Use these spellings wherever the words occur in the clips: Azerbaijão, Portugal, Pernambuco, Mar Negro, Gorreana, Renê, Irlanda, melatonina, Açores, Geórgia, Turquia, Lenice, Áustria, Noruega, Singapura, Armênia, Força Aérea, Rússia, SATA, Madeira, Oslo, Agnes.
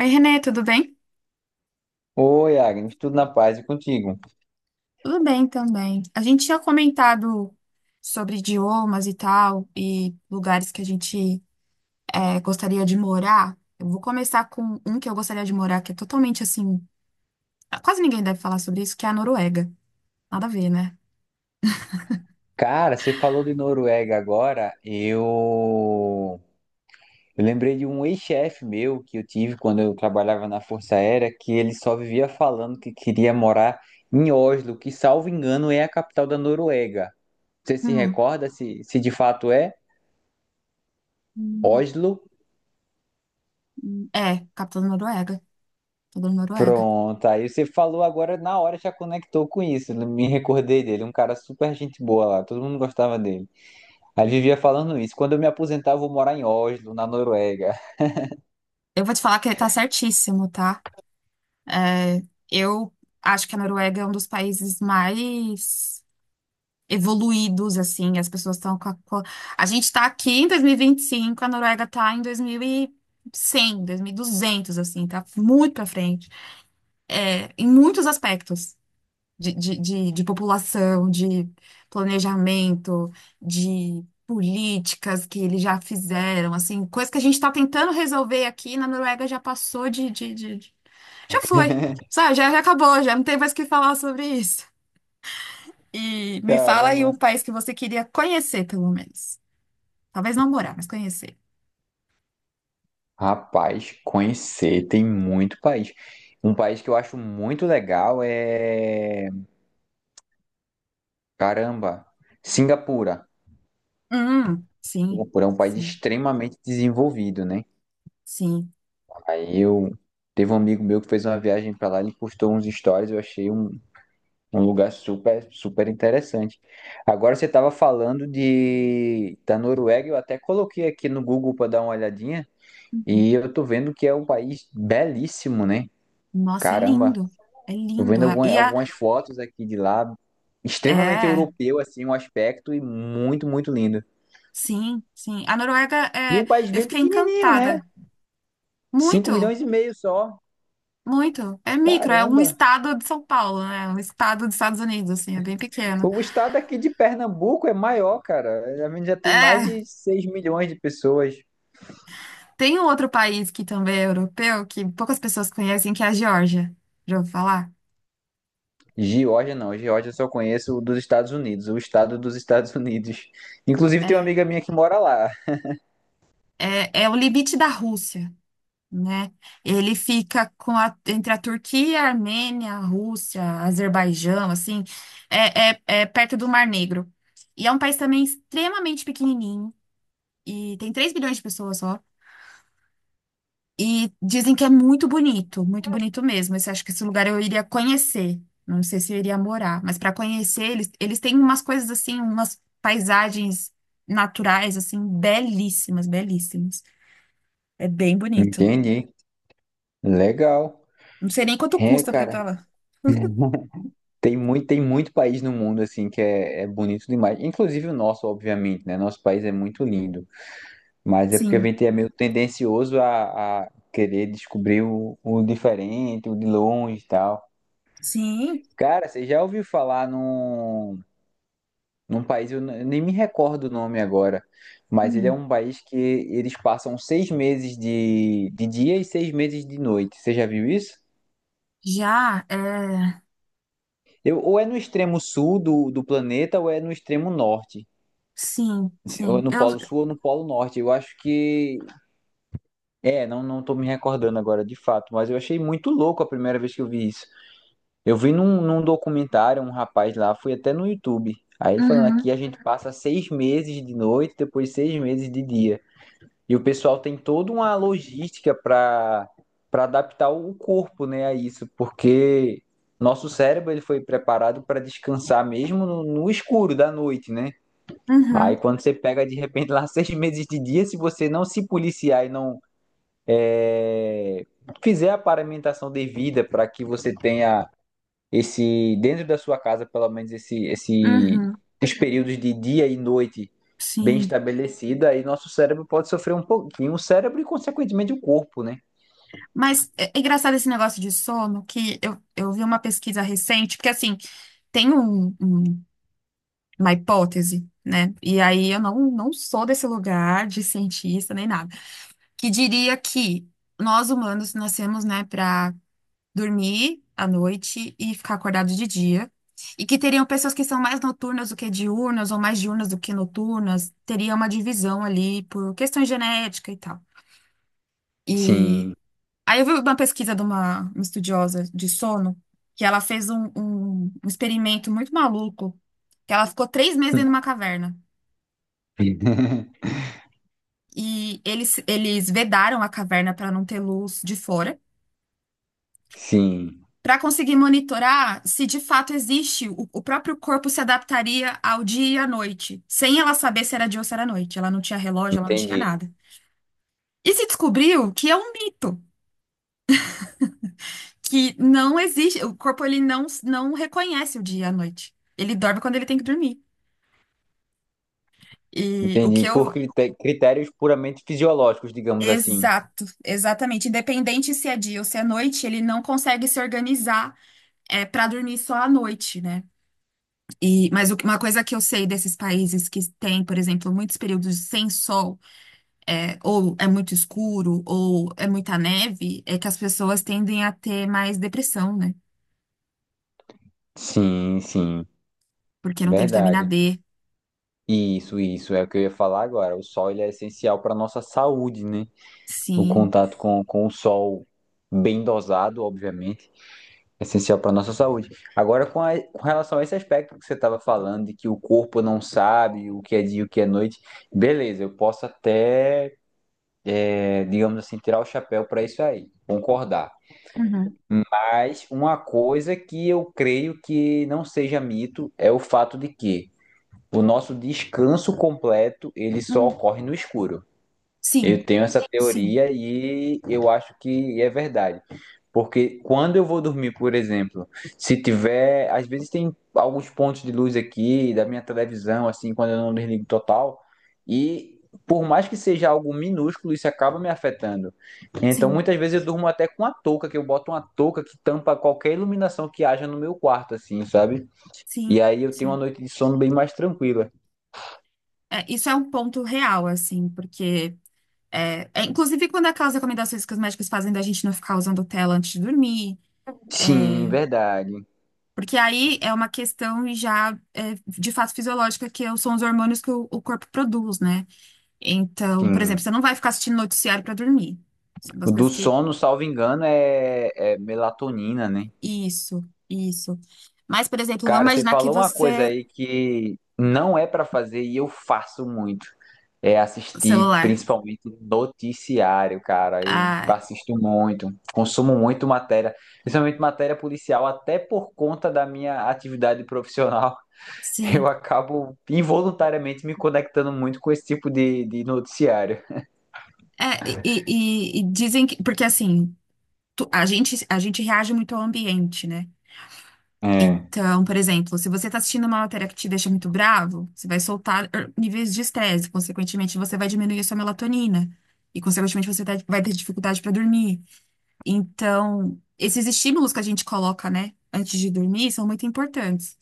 Oi, Renê, tudo bem? Oi, Agnes, tudo na paz e contigo? Tudo bem também. A gente tinha comentado sobre idiomas e tal, e lugares que a gente gostaria de morar. Eu vou começar com um que eu gostaria de morar, que é totalmente assim. Quase ninguém deve falar sobre isso, que é a Noruega. Nada a ver, né? Cara, você falou de Noruega agora, eu lembrei de um ex-chefe meu que eu tive quando eu trabalhava na Força Aérea, que ele só vivia falando que queria morar em Oslo, que, salvo engano, é a capital da Noruega. Você se Hum. recorda se de fato é Hum, Oslo? É, capital da Noruega. Capital da Noruega. Pronto, aí você falou agora na hora já conectou com isso, me recordei dele, um cara super gente boa lá, todo mundo gostava dele. Aí vivia falando isso. Quando eu me aposentar, eu vou morar em Oslo, na Noruega. Eu vou te falar que ele tá certíssimo, tá? É, eu acho que a Noruega é um dos países mais evoluídos, assim, as pessoas estão a gente está aqui em 2025, a Noruega está em 2100, 2200, assim, tá muito pra frente, em muitos aspectos, de população, de planejamento, de políticas que eles já fizeram, assim, coisa que a gente está tentando resolver aqui na Noruega já passou já foi, sabe, já acabou, já não tem mais o que falar sobre isso. E me fala aí um Caramba. país que você queria conhecer, pelo menos. Talvez não morar, mas conhecer. Rapaz, conhecer tem muito país. Um país que eu acho muito legal é. Caramba, Singapura. Sim, Singapura é um país sim, extremamente desenvolvido, né? sim. Aí eu. Teve um amigo meu que fez uma viagem pra lá, ele postou uns stories, eu achei um lugar super, super interessante. Agora você tava falando de da Noruega, eu até coloquei aqui no Google pra dar uma olhadinha. E eu tô vendo que é um país belíssimo, né? Nossa, é Caramba, lindo. É tô lindo. vendo A- E a. algumas fotos aqui de lá, extremamente É, europeu, assim, um aspecto e muito, muito lindo. sim, sim. A Noruega E é. um país Eu bem fiquei pequenininho, né? encantada. 5 Muito, milhões e meio só. muito. É micro, é um Caramba, estado de São Paulo, né? Um estado dos Estados Unidos, assim, é bem pequeno. o estado aqui de Pernambuco é maior, cara. A gente já tem mais É, de 6 milhões de pessoas. tem um outro país que também é europeu, que poucas pessoas conhecem, que é a Geórgia. Já ouviu falar? Geórgia não, Geórgia eu só conheço o dos Estados Unidos, o estado dos Estados Unidos. Inclusive tem uma É. amiga minha que mora lá. É o limite da Rússia, né? Ele fica entre a Turquia, a Armênia, a Rússia, Azerbaijão, assim, é perto do Mar Negro. E é um país também extremamente pequenininho, e tem 3 bilhões de pessoas só. E dizem que é muito bonito mesmo. Acho que esse lugar eu iria conhecer. Não sei se eu iria morar, mas para conhecer, eles têm umas coisas assim, umas paisagens naturais, assim, belíssimas, belíssimas. É bem bonito. Entendi. Legal. Não sei nem quanto É, custa pra ir pra cara. lá. Tem muito país no mundo assim que é, é bonito demais. Inclusive o nosso, obviamente, né? Nosso país é muito lindo, mas é porque a Sim, gente é meio tendencioso a querer descobrir o diferente, o de longe e tal. sim. Cara, você já ouviu falar num país, eu nem me recordo o nome agora, mas ele é Hum. um país que eles passam 6 meses de dia e 6 meses de noite. Você já viu isso? Já, é. Eu, ou é no extremo sul do, do planeta ou é no extremo norte. Sim, Ou sim. no Eu. Polo Sul ou no Polo Norte. Eu acho que. É, não, não tô me recordando agora de fato, mas eu achei muito louco a primeira vez que eu vi isso. Eu vi num documentário, um rapaz lá, fui até no YouTube. Aí ele falando Uhum, aqui a gente passa 6 meses de noite, depois 6 meses de dia. E o pessoal tem toda uma logística para adaptar o corpo, né, a isso, porque nosso cérebro ele foi preparado para descansar mesmo no escuro da noite, né? Aí uhum, quando você pega de repente lá 6 meses de dia, se você não se policiar e não é, fizer a paramentação devida para que você tenha esse, dentro da sua casa, pelo menos esse uhum, esses períodos de dia e noite bem sim. estabelecidos, aí nosso cérebro pode sofrer um pouquinho, o cérebro e consequentemente o corpo, né? Mas é engraçado esse negócio de sono, que eu vi uma pesquisa recente, porque assim, tem uma hipótese, né? E aí eu não sou desse lugar de cientista nem nada, que diria que nós humanos nascemos, né, dormir à noite e ficar acordado de dia. E que teriam pessoas que são mais noturnas do que diurnas, ou mais diurnas do que noturnas, teria uma divisão ali por questão genética e tal. E Sim, aí eu vi uma pesquisa de uma estudiosa de sono, que ela fez um experimento muito maluco, que ela ficou 3 meses dentro de uma caverna. E eles vedaram a caverna para não ter luz de fora. sim, Para conseguir monitorar se de fato existe, o próprio corpo se adaptaria ao dia e à noite, sem ela saber se era dia ou se era noite. Ela não tinha relógio, ela não tinha entendi. nada. E se descobriu que é um mito, que não existe, o corpo ele não reconhece o dia e a noite. Ele dorme quando ele tem que dormir. E o que Entendi. Por eu. Critérios puramente fisiológicos, digamos assim. Exato, exatamente. Independente se é dia ou se é noite, ele não consegue se organizar para dormir só à noite, né? E, mas o que- uma coisa que eu sei desses países que têm, por exemplo, muitos períodos sem sol, ou é muito escuro, ou é muita neve, é que as pessoas tendem a ter mais depressão, né? Sim, sim, Porque não tem vitamina verdade. D. Isso é o que eu ia falar agora. O sol ele é essencial para nossa saúde, né? O Sim. contato com o sol bem dosado, obviamente, é essencial para nossa saúde. Agora, com relação a esse aspecto que você estava falando, de que o corpo não sabe o que é dia e o que é noite, beleza, eu posso até, digamos assim, tirar o chapéu para isso aí, concordar. Uhum. Mas uma coisa que eu creio que não seja mito é o fato de que o nosso descanso completo ele só Hum. ocorre no escuro. Eu Sim, tenho essa sim, teoria e eu acho que é verdade. Porque quando eu vou dormir, por exemplo, se tiver. Às vezes tem alguns pontos de luz aqui da minha televisão, assim, quando eu não desligo total. E por mais que seja algo minúsculo, isso acaba me afetando. Então sim, muitas vezes eu durmo até com a touca, que eu boto uma touca que tampa qualquer iluminação que haja no meu quarto, assim, sabe? sim, E aí eu tenho uma sim. noite de sono bem mais tranquila. É, isso é um ponto real, assim, porque. É, inclusive, quando aquelas recomendações que os médicos fazem da gente não ficar usando tela antes de dormir. Sim, é, verdade. Porque aí é uma questão já de fato fisiológica, que são os hormônios que o corpo produz, né? Então, por exemplo, Sim. você não vai ficar assistindo noticiário para dormir. São O das do coisas que. sono, salvo engano, é melatonina, né? Isso, isso. Mas, por exemplo, vamos Cara, você imaginar que falou uma coisa você. aí que não é pra fazer e eu faço muito. É assistir Celular. principalmente noticiário, cara. Eu Ah, assisto muito, consumo muito matéria, principalmente matéria policial, até por conta da minha atividade profissional. sim. Eu acabo involuntariamente me conectando muito com esse tipo de noticiário. É, e dizem que. Porque assim, a gente reage muito ao ambiente, né? É, Então, por exemplo, se você está assistindo uma matéria que te deixa muito bravo, você vai soltar níveis de estresse, consequentemente, você vai diminuir a sua melatonina, e, consequentemente, você vai ter dificuldade para dormir. Então, esses estímulos que a gente coloca, né, antes de dormir, são muito importantes,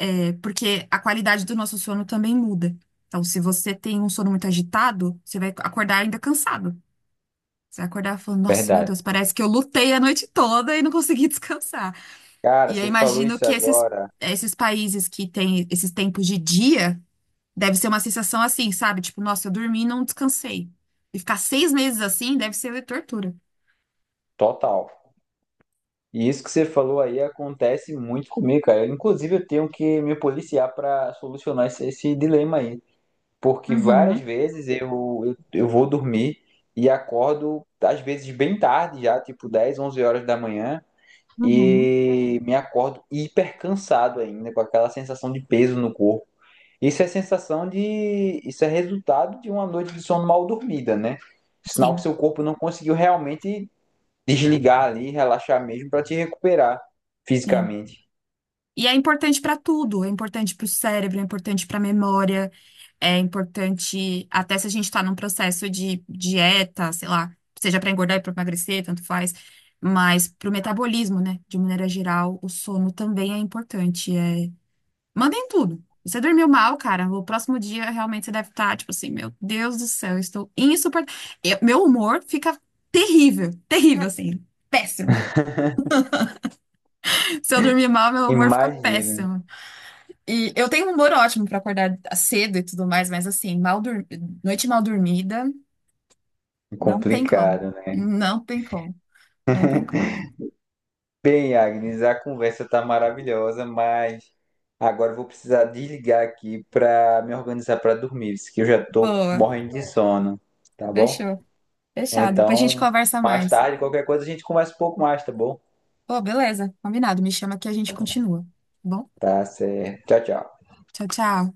porque a qualidade do nosso sono também muda. Então, se você tem um sono muito agitado, você vai acordar ainda cansado. Você vai acordar falando, nossa, meu verdade. Deus, parece que eu lutei a noite toda e não consegui descansar. Cara, E eu você falou imagino isso que esses, agora. esses países que têm esses tempos de dia, deve ser uma sensação assim, sabe? Tipo, nossa, eu dormi e não descansei. E ficar 6 meses assim deve ser tortura. Total. E isso que você falou aí acontece muito comigo, cara. Eu, inclusive, eu tenho que me policiar para solucionar esse dilema aí. Porque várias Uhum, vezes eu vou dormir e acordo, às vezes, bem tarde já, tipo 10, 11 horas da manhã, uhum. e me acordo hiper cansado ainda, com aquela sensação de peso no corpo. Isso é sensação de. Isso é resultado de uma noite de sono mal dormida, né? Sinal que Sim, seu corpo não conseguiu realmente desligar ali, relaxar mesmo para te recuperar sim. fisicamente. E é importante para tudo. É importante para o cérebro, é importante para a memória, é importante até se a gente está num processo de dieta, sei lá, seja para engordar e para emagrecer, tanto faz. Mas para o metabolismo, né? De maneira geral, o sono também é importante. Mandem tudo. Você dormiu mal, cara. O próximo dia realmente você deve estar, tipo assim, meu Deus do céu, eu estou insuportável. Meu humor fica terrível, terrível, assim, péssimo. Se eu dormir mal, meu humor fica Imagina, péssimo. E eu tenho um humor ótimo pra acordar cedo e tudo mais, mas assim, noite mal dormida, não tem como. complicado, né? Não tem como. Não tem como. Bem, Agnes, a conversa tá maravilhosa, mas agora eu vou precisar desligar aqui para me organizar para dormir, que eu já tô Boa. morrendo de sono, tá bom? Fechou. Fechado. Depois a gente Então, conversa mais mais. tarde, qualquer coisa a gente conversa um pouco mais, tá bom? Pô, beleza. Combinado. Me chama que a gente continua, tá? Bom, Tá certo. Tchau, tchau. tchau, tchau.